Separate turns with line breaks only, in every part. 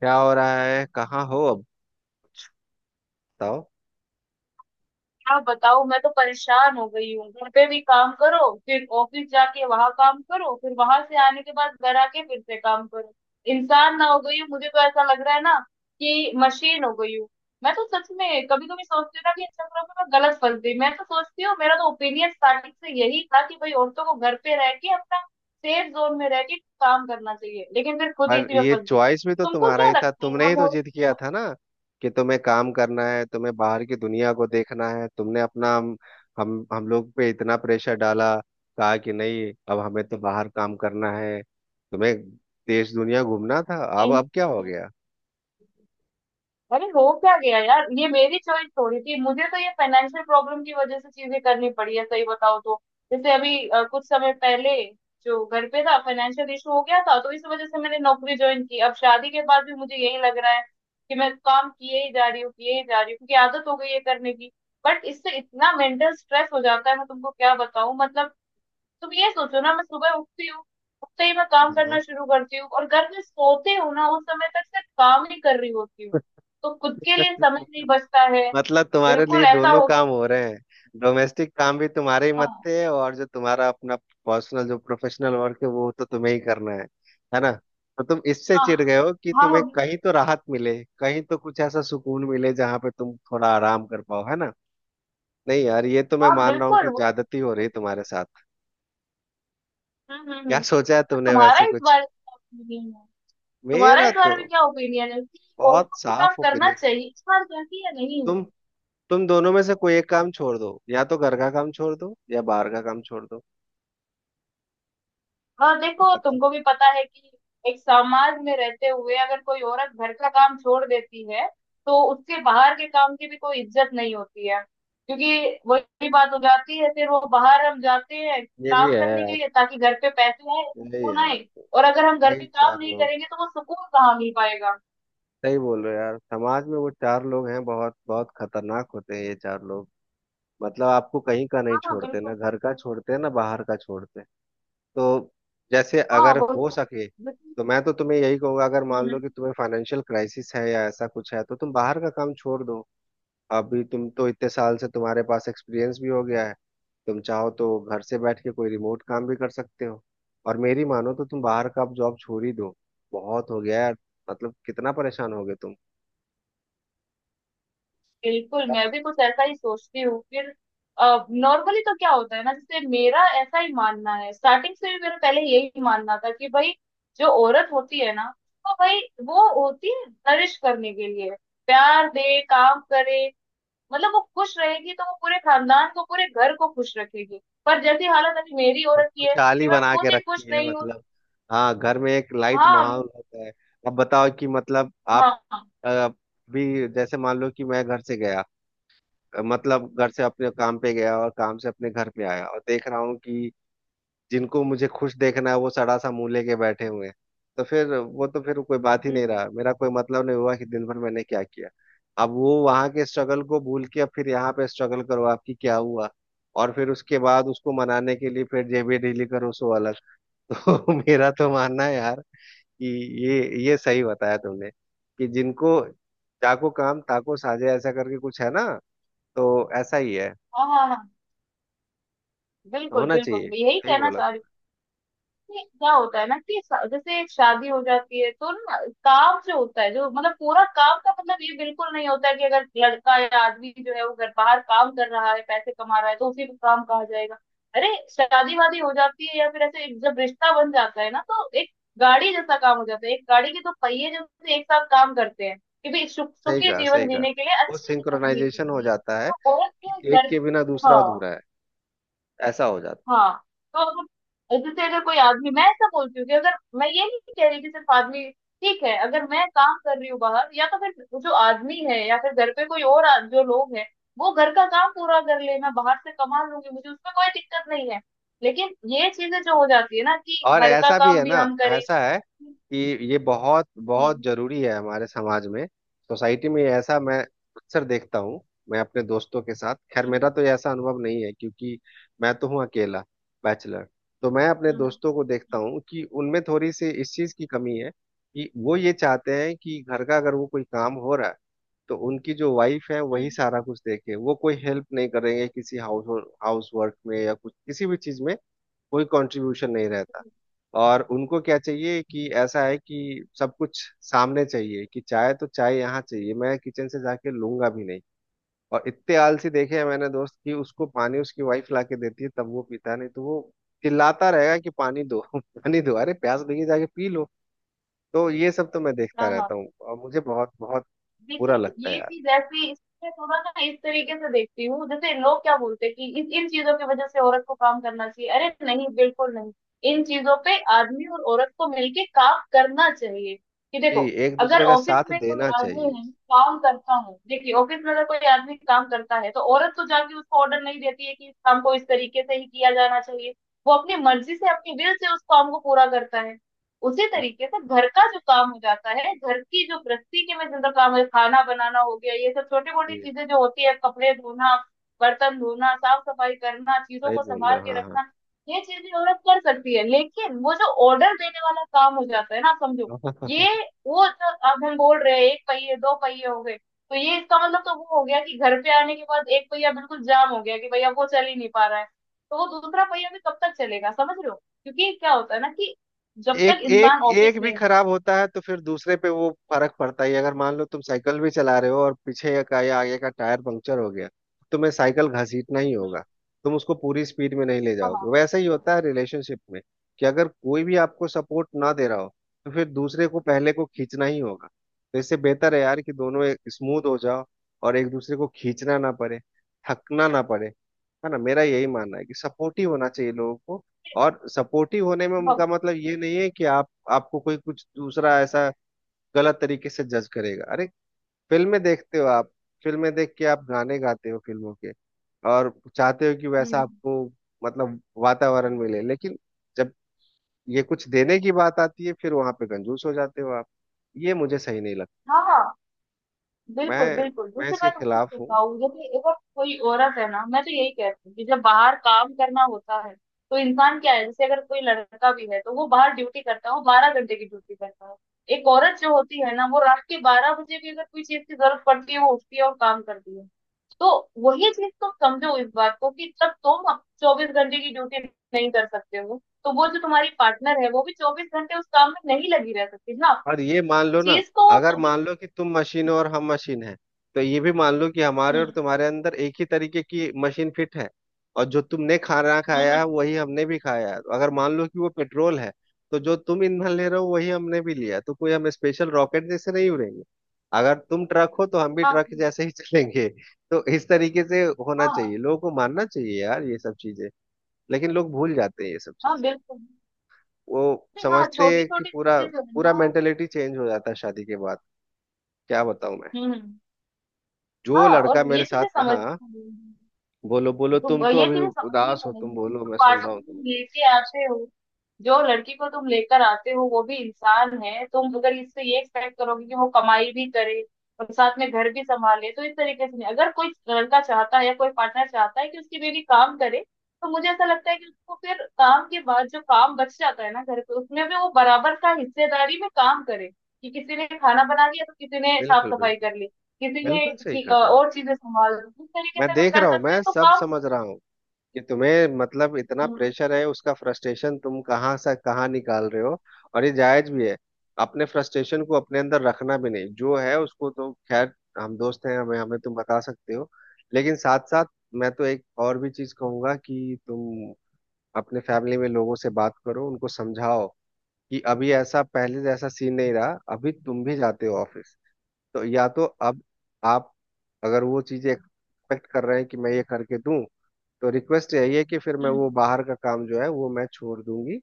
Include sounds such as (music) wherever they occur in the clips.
क्या हो रहा है? कहाँ हो अब? बताओ।
क्या बताओ। मैं तो परेशान हो गई हूँ, घर पे भी काम करो, फिर ऑफिस जाके वहां काम करो, फिर वहां से आने के बाद घर आके फिर से काम करो। इंसान ना हो गई हूँ, मुझे तो ऐसा लग रहा है ना कि मशीन हो गई हूँ। मैं तो सच में कभी कभी सोचती हूँ ना कि इन चक्करों में मैं गलत फंस गई। मैं तो सोचती हूँ, मेरा तो ओपिनियन स्टार्टिंग से यही था कि भाई औरतों को घर पे रह के अपना सेफ जोन में रह के काम करना चाहिए, लेकिन फिर खुद
पर
इसी में
ये
फंस गई।
चॉइस भी तो
तुमको
तुम्हारा
क्या
ही था।
लगता है?
तुमने ही तो
हम
जिद किया था ना कि तुम्हें काम करना है, तुम्हें बाहर की दुनिया को देखना है। तुमने अपना हम लोग पे इतना प्रेशर डाला, कहा कि नहीं, अब हमें तो बाहर काम करना है, तुम्हें देश दुनिया घूमना था। अब
और
अब क्या हो गया?
अरे हो क्या गया यार, ये मेरी चॉइस थोड़ी थी, मुझे तो ये फाइनेंशियल प्रॉब्लम की वजह से चीजें करनी पड़ी है। सही बताओ तो, जैसे अभी कुछ समय पहले जो घर पे था, फाइनेंशियल इशू हो गया था, तो इस वजह से मैंने नौकरी ज्वाइन की। अब शादी के बाद भी मुझे यही लग रहा है कि मैं काम किए ही जा रही हूँ, किए ही जा रही हूँ, क्योंकि आदत हो गई है करने की। बट इससे इतना मेंटल स्ट्रेस हो जाता है, मैं तुमको क्या बताऊं मतलब। तुम ये सोचो ना, मैं सुबह उठती हूँ, उठते ही मैं काम करना शुरू करती हूँ, और घर में सोते हो ना उस समय तक सिर्फ काम ही कर रही होती हूँ। तो खुद के लिए समय नहीं बचता है।
मतलब तुम्हारे
बिल्कुल
लिए
ऐसा
दोनों
हो गया।
काम हो रहे हैं। डोमेस्टिक काम भी तुम्हारे ही
हाँ।
मत्थे है, और जो तुम्हारा अपना पर्सनल, जो प्रोफेशनल वर्क है, वो तो तुम्हें ही करना है ना? तो तुम इससे
हाँ।
चिढ़ गए हो कि
हाँ।
तुम्हें कहीं तो राहत मिले, कहीं तो कुछ ऐसा सुकून मिले जहां पे तुम थोड़ा आराम कर पाओ, है ना? नहीं यार, ये तो मैं
हाँ
मान रहा हूँ
बिल्कुल
कि
वो।
ज्यादती हो रही है
हम्म।
तुम्हारे साथ।
हम्म।
क्या
हम्म,
सोचा है
तो
तुमने
तुम्हारा
वैसे
इस
कुछ?
बारे में क्या ओपिनियन है? तुम्हारा
मेरा
इस
तो
बारे में क्या ओपिनियन है कि
बहुत
औरतों को काम
साफ
करना
ओपिनियन है।
चाहिए इस बार चाहिए या नहीं?
तुम तुम दोनों में से कोई एक काम छोड़ दो। या तो घर का काम छोड़ दो या बाहर का काम छोड़ दो।
और
अब
देखो
बताओ।
तुमको भी पता है कि एक समाज में रहते हुए अगर कोई औरत घर का काम छोड़ देती है तो उसके बाहर के काम की भी कोई इज्जत नहीं होती है। क्योंकि वही बात हो जाती है, फिर वो बाहर हम जाते हैं
ये भी है
काम करने के
यार।
लिए ताकि घर पे पैसे आए,
यही है
सुकून
यार।
आए। और अगर हम घर पे
वही
काम
चार
नहीं
लोग।
करेंगे तो वो सुकून कहाँ मिल पाएगा?
सही बोल रहे हो यार, समाज में वो चार लोग हैं। बहुत बहुत खतरनाक होते हैं ये चार लोग। मतलब आपको कहीं का नहीं
हाँ
छोड़ते, ना
बिल्कुल।
घर का छोड़ते, ना बाहर का छोड़ते। तो जैसे,
हाँ
अगर
वो
हो सके,
बिल्कुल।
तो मैं तो तुम्हें यही कहूंगा, अगर मान
हम्म।
लो कि तुम्हें फाइनेंशियल क्राइसिस है या ऐसा कुछ है, तो तुम बाहर का काम छोड़ दो। अभी तुम तो इतने साल से, तुम्हारे पास एक्सपीरियंस भी हो गया है। तुम चाहो तो घर से बैठ के कोई रिमोट काम भी कर सकते हो। और मेरी मानो तो तुम बाहर का अब जॉब छोड़ ही दो। बहुत हो गया यार। मतलब कितना परेशान हो गए तुम।
बिल्कुल
क्या
मैं भी
बात
कुछ ऐसा ही सोचती हूँ फिर। नॉर्मली तो क्या होता है ना, जैसे मेरा ऐसा ही मानना है, स्टार्टिंग से भी मेरा पहले यही मानना था कि भाई जो औरत होती है ना, तो भाई वो होती है नरिश करने के लिए। प्यार दे, काम करे, मतलब वो खुश रहेगी तो वो पूरे खानदान को पूरे घर को खुश रखेगी। पर जैसी हालत अभी मेरी
है?
औरत की है कि
खुशहाली
मैं
बना के
खुद ही खुश
रखती है
नहीं हूँ।
मतलब। हाँ, घर में एक लाइट
हाँ।
माहौल होता है। अब बताओ कि मतलब आप
हाँ। हाँ।
अ, भी जैसे मान लो कि मैं घर से गया। मतलब घर से अपने काम पे गया और काम से अपने घर पे आया, और देख रहा हूँ कि जिनको मुझे खुश देखना है, वो सड़ा सा मुंह लेके बैठे हुए हैं। तो फिर वो, तो फिर कोई बात ही
हम्म।
नहीं
हम्म।
रहा। मेरा कोई मतलब नहीं हुआ कि दिन भर मैंने क्या किया। अब वो वहां के स्ट्रगल को भूल के, अब फिर यहाँ पे स्ट्रगल करो, आपकी क्या हुआ। और फिर उसके बाद उसको मनाने के लिए फिर जेबी ढीली करो, सो अलग। (laughs) तो मेरा तो मानना है यार कि ये ये सही बताया तुमने, कि जिनको जाको काम ताको साझे, ऐसा करके कुछ है ना। तो ऐसा ही है,
हाँ। हाँ। हाँ बिल्कुल
होना
बिल्कुल,
चाहिए।
मैं यही
सही
कहना
बोला।
चाह रही हूँ। नहीं, क्या होता है ना कि जैसे एक शादी हो जाती है तो ना, काम जो होता है जो मतलब पूरा काम का मतलब ये बिल्कुल नहीं होता है कि अगर लड़का या आदमी जो है वो घर बाहर काम कर रहा है, पैसे कमा रहा है, तो उसी को काम कहा जाएगा। अरे शादी वादी हो जाती है या फिर ऐसे जब रिश्ता बन जाता है ना तो एक गाड़ी जैसा काम हो जाता है। एक गाड़ी के तो पहिए जैसे एक साथ काम करते हैं, कि भाई सुख
सही
सुखी
कहा, सही
जीवन जीने के
कहा।
लिए,
वो
अच्छा जीवन जीने
सिंक्रोनाइजेशन
के
हो
लिए,
जाता है
तो औरत
कि
को
एक
घर।
के बिना दूसरा
हाँ।
अधूरा है। ऐसा हो जाता है।
हाँ। तो अगर जैसे अगर कोई आदमी, मैं ऐसा बोलती हूँ कि अगर मैं ये नहीं कह रही कि सिर्फ आदमी, ठीक है, अगर मैं काम कर रही हूँ बाहर, या तो फिर जो आदमी है या फिर घर पे कोई और जो लोग हैं वो घर का काम पूरा कर ले, मैं बाहर से कमा लूंगी, मुझे उसमें कोई दिक्कत नहीं है। लेकिन ये चीजें जो हो जाती है ना कि
और
घर का
ऐसा भी
काम
है
भी
ना,
हम करें।
ऐसा है कि ये बहुत बहुत
हम्म।
जरूरी है। हमारे समाज में, सोसाइटी में, ऐसा मैं अक्सर देखता हूँ। मैं अपने दोस्तों के साथ, खैर
हम्म।
मेरा तो ये ऐसा अनुभव नहीं है, क्योंकि मैं तो हूँ अकेला, बैचलर। तो मैं अपने
हम्म।
दोस्तों को देखता
हम्म।
हूँ कि उनमें थोड़ी सी इस चीज की कमी है, कि वो ये चाहते हैं कि घर का अगर वो कोई काम हो रहा है, तो उनकी जो वाइफ है वही
हम्म।
सारा कुछ देखे। वो कोई हेल्प नहीं करेंगे किसी हाउस हाउस वर्क में या कुछ किसी भी चीज में। कोई कंट्रीब्यूशन नहीं रहता। और उनको क्या चाहिए कि ऐसा है कि सब कुछ सामने चाहिए, कि चाय तो चाय यहाँ चाहिए, मैं किचन से जाके लूंगा भी नहीं। और इतने आलसी देखे हैं मैंने दोस्त, कि उसको पानी उसकी वाइफ ला के देती है तब वो पीता है, नहीं तो वो चिल्लाता रहेगा कि पानी दो, (laughs) पानी दो। अरे प्यास लगी, जाके पी लो। तो ये सब तो मैं देखता
हाँ। हाँ
रहता हूँ और मुझे बहुत बहुत बुरा
देखिए
लगता है
ये
यार।
चीज ऐसी, इसमें थोड़ा ना इस तरीके से देखती हूँ, जैसे लोग क्या बोलते हैं कि इस इन चीजों की वजह से औरत को काम करना चाहिए, अरे नहीं बिल्कुल नहीं। इन चीजों पे आदमी और औरत को मिलके काम करना चाहिए। कि
जी,
देखो
एक
अगर
दूसरे का
ऑफिस
साथ
में कोई
देना
आदमी
चाहिए।
है काम करता है, देखिए ऑफिस में अगर कोई आदमी काम करता है तो औरत तो जाके उसको ऑर्डर नहीं देती है कि इस काम को इस तरीके से ही किया जाना चाहिए। वो अपनी मर्जी से, अपनी विल से उस काम को पूरा करता है। उसी
जी,
तरीके से घर का जो काम हो जाता है, घर की जो गृहस्थी के में जिनका काम है, खाना बनाना हो गया, ये सब छोटी मोटी
जी,
चीजें जो होती है, कपड़े धोना, बर्तन धोना, साफ सफाई करना, चीजों
सही
को
बोल रहे
संभाल
हो,
के
हाँ।
रखना, ये चीजें औरत कर सकती है। लेकिन वो जो ऑर्डर देने वाला काम हो जाता है ना, आप समझो,
हाँ,
ये वो जो अब हम बोल रहे हैं, एक पहिए दो पहिए हो गए, तो ये इसका मतलब तो वो हो गया कि घर पे आने के बाद एक पहिया बिल्कुल जाम हो गया, कि भैया वो चल ही नहीं पा रहा है, तो वो दूसरा पहिया भी कब तक चलेगा, समझ रहे हो? क्योंकि क्या होता है ना कि जब
एक
तक
एक
इंसान
एक
ऑफिस
भी
में है।
खराब होता है तो फिर दूसरे पे वो फर्क पड़ता ही है। अगर मान लो तुम साइकिल भी चला रहे हो और पीछे का या आगे का टायर पंक्चर हो गया, तो तुम्हें साइकिल घसीटना ही होगा। तुम उसको पूरी स्पीड में नहीं ले जाओगे।
हाँ।
वैसा ही होता है रिलेशनशिप में कि अगर कोई भी आपको सपोर्ट ना दे रहा हो, तो फिर दूसरे को, पहले को खींचना ही होगा। तो इससे बेहतर है यार कि दोनों स्मूथ हो जाओ और एक दूसरे को खींचना ना पड़े, थकना ना पड़े, है ना। मेरा यही मानना है कि सपोर्टिव होना चाहिए लोगों को। और सपोर्टिव होने में
हाँ।
का मतलब ये नहीं है कि आप, आपको कोई कुछ दूसरा ऐसा गलत तरीके से जज करेगा। अरे फिल्में देखते हो आप, फिल्में देख के आप गाने गाते हो फिल्मों के, और चाहते हो कि वैसा
हम्म।
आपको मतलब वातावरण मिले। लेकिन जब ये कुछ देने की बात आती है, फिर वहां पे कंजूस हो जाते हो आप। ये मुझे सही नहीं लगता।
हाँ हाँ, बिल्कुल
मैं
बिल्कुल,
मैं
जैसे
इसके
मैं
खिलाफ
तुमको
हूँ।
बताऊँ, जैसे अगर कोई औरत है ना, मैं तो यही कहती हूँ कि जब बाहर काम करना होता है तो इंसान क्या है, जैसे अगर कोई लड़का भी है तो वो बाहर ड्यूटी करता है, वो 12 घंटे की ड्यूटी करता है। एक औरत जो होती है ना, वो रात के 12 बजे भी अगर कोई चीज की जरूरत पड़ती है वो उठती है और काम करती है। तो वही चीज तुम समझो इस बात को कि जब तुम 24 घंटे की ड्यूटी नहीं कर सकते हो तो वो जो तुम्हारी पार्टनर है वो भी 24 घंटे उस काम में नहीं लगी रह सकती ना।
और ये मान लो ना,
चीज को
अगर
कभी।
मान लो कि तुम मशीन हो और हम मशीन हैं, तो ये भी मान लो कि हमारे और
हम्म।
तुम्हारे अंदर एक ही तरीके की मशीन फिट है, और जो तुमने खाना
हम्म।
खाया है
हम्म।
वही हमने भी खाया है। तो अगर मान लो कि वो पेट्रोल है, तो जो तुम ईंधन ले रहे हो वही हमने भी लिया है। तो कोई हम स्पेशल रॉकेट जैसे नहीं उड़ेंगे। अगर तुम ट्रक हो तो हम भी
हाँ।
ट्रक जैसे ही (laughs) चलेंगे। तो इस तरीके से होना चाहिए,
हाँ।
लोगों को मानना चाहिए यार ये सब चीजें। लेकिन लोग भूल जाते हैं ये सब
हाँ
चीजें।
बिल्कुल।
वो
नहीं, हाँ
समझते
छोटी
हैं कि
छोटी
पूरा,
चीजें जो है
पूरा
ना।
मेंटेलिटी चेंज हो जाता है शादी के बाद। क्या बताऊं मैं।
हम्म। हम्म।
जो
हाँ
लड़का
और
मेरे
ये चीजें
साथ,
समझ,
हाँ, बोलो बोलो तुम,
तो
तो
ये
अभी
चीजें समझनी
उदास हो
पड़ेगी
तुम,
कि
बोलो
जो
मैं सुन
पार्टनर
रहा हूँ
तुम
तुम्हें।
लेके आते हो, जो लड़की को तुम लेकर आते हो वो भी इंसान है। तुम अगर इससे ये एक्सपेक्ट करोगे कि वो कमाई भी करे और साथ में घर भी संभाले, तो इस तरीके से नहीं। अगर कोई लड़का चाहता है या कोई पार्टनर चाहता है कि उसकी बीवी काम करे, तो मुझे ऐसा लगता है कि उसको फिर काम के बाद जो काम बच जाता है ना घर पे उसमें भी वो बराबर का हिस्सेदारी में काम करे। कि किसी ने खाना बना लिया तो किसी ने साफ
बिल्कुल,
सफाई
बिल्कुल।
कर ली, किसी ने
बिल्कुल सही कहा तुमने।
और चीजें संभाल ली, इस तरीके
मैं
से अगर
देख रहा
कर
हूँ,
सकते हो
मैं
तो
सब
काम।
समझ रहा हूँ कि तुम्हें मतलब इतना प्रेशर है, उसका फ्रस्ट्रेशन तुम कहाँ से कहाँ निकाल रहे हो, और ये जायज भी है। अपने फ्रस्ट्रेशन को अपने अंदर रखना भी नहीं, जो है उसको तो खैर, हम दोस्त हैं, हमें हमें तुम बता सकते हो। लेकिन साथ साथ, मैं तो एक और भी चीज कहूंगा कि तुम अपने फैमिली में लोगों से बात करो, उनको समझाओ कि अभी ऐसा पहले जैसा सीन नहीं रहा, अभी तुम भी जाते हो ऑफिस। तो या तो अब आप, अगर वो चीजें एक्सपेक्ट कर रहे हैं कि मैं ये करके दूं, तो रिक्वेस्ट यही है कि फिर मैं वो
हम्म,
बाहर का काम जो है वो मैं छोड़ दूंगी।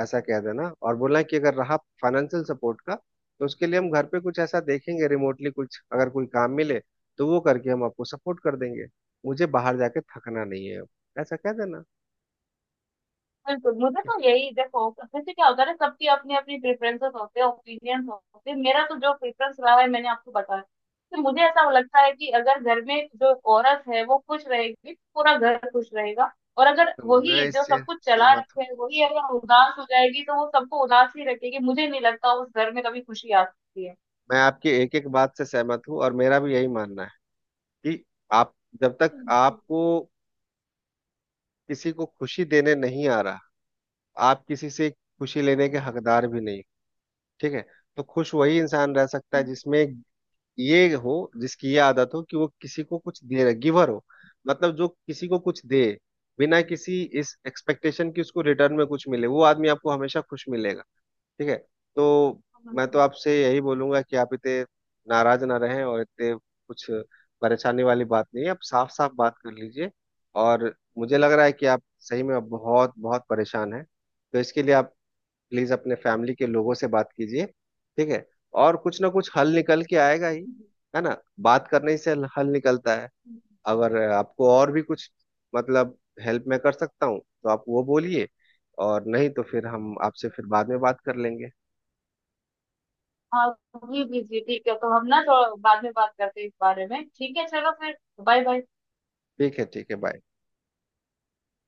ऐसा कह देना। और बोलना कि अगर रहा फाइनेंशियल सपोर्ट का, तो उसके लिए हम घर पे कुछ ऐसा देखेंगे, रिमोटली कुछ अगर कोई काम मिले तो वो करके हम आपको सपोर्ट कर देंगे। मुझे बाहर जाके थकना नहीं है। ऐसा कह देना।
बिल्कुल, मुझे तो यही, देखो जैसे क्या होता है ना, सबकी अपनी अपनी प्रेफरेंसेस होते हैं, ओपिनियंस होते हैं, मेरा तो जो प्रेफरेंस रहा है मैंने आपको बताया कि मुझे ऐसा लगता है कि अगर घर में जो औरत है वो खुश रहेगी तो पूरा घर खुश रहेगा। और अगर
तो मैं
वही जो
इससे
सब कुछ चला
सहमत
रखे
हूँ।
है, वही अगर उदास हो जाएगी, तो वो सबको उदास ही रखेगी। मुझे नहीं लगता उस घर में कभी खुशी आ सकती है।
मैं आपकी एक एक बात से सहमत हूँ, और मेरा भी यही मानना है कि आप, जब तक आपको किसी को खुशी देने नहीं आ रहा, आप किसी से खुशी लेने के हकदार भी नहीं। ठीक है। तो खुश वही इंसान रह सकता है जिसमें ये हो, जिसकी ये आदत हो कि वो किसी को कुछ दे रहा, गिवर हो। मतलब जो किसी को कुछ दे बिना किसी इस एक्सपेक्टेशन की उसको रिटर्न में कुछ मिले, वो आदमी आपको हमेशा खुश मिलेगा। ठीक है। तो मैं तो आपसे यही बोलूंगा कि आप इतने नाराज ना रहें, और इतने कुछ परेशानी वाली बात नहीं है, आप साफ साफ बात कर लीजिए। और मुझे लग रहा है कि आप सही में अब बहुत बहुत परेशान हैं। तो इसके लिए आप प्लीज अपने फैमिली के लोगों से बात कीजिए, ठीक है। और कुछ ना कुछ हल निकल के आएगा ही, है ना। बात करने से हल हल निकलता है। अगर आपको और भी कुछ मतलब हेल्प मैं कर सकता हूँ, तो आप वो बोलिए। और नहीं तो फिर हम आपसे फिर बाद में बात कर लेंगे।
हाँ। जी जी जी, ठीक है, तो हम ना थोड़ा बाद में बात करते हैं इस बारे में, ठीक है, चलो फिर। Bye bye.
ठीक है, ठीक है, बाय।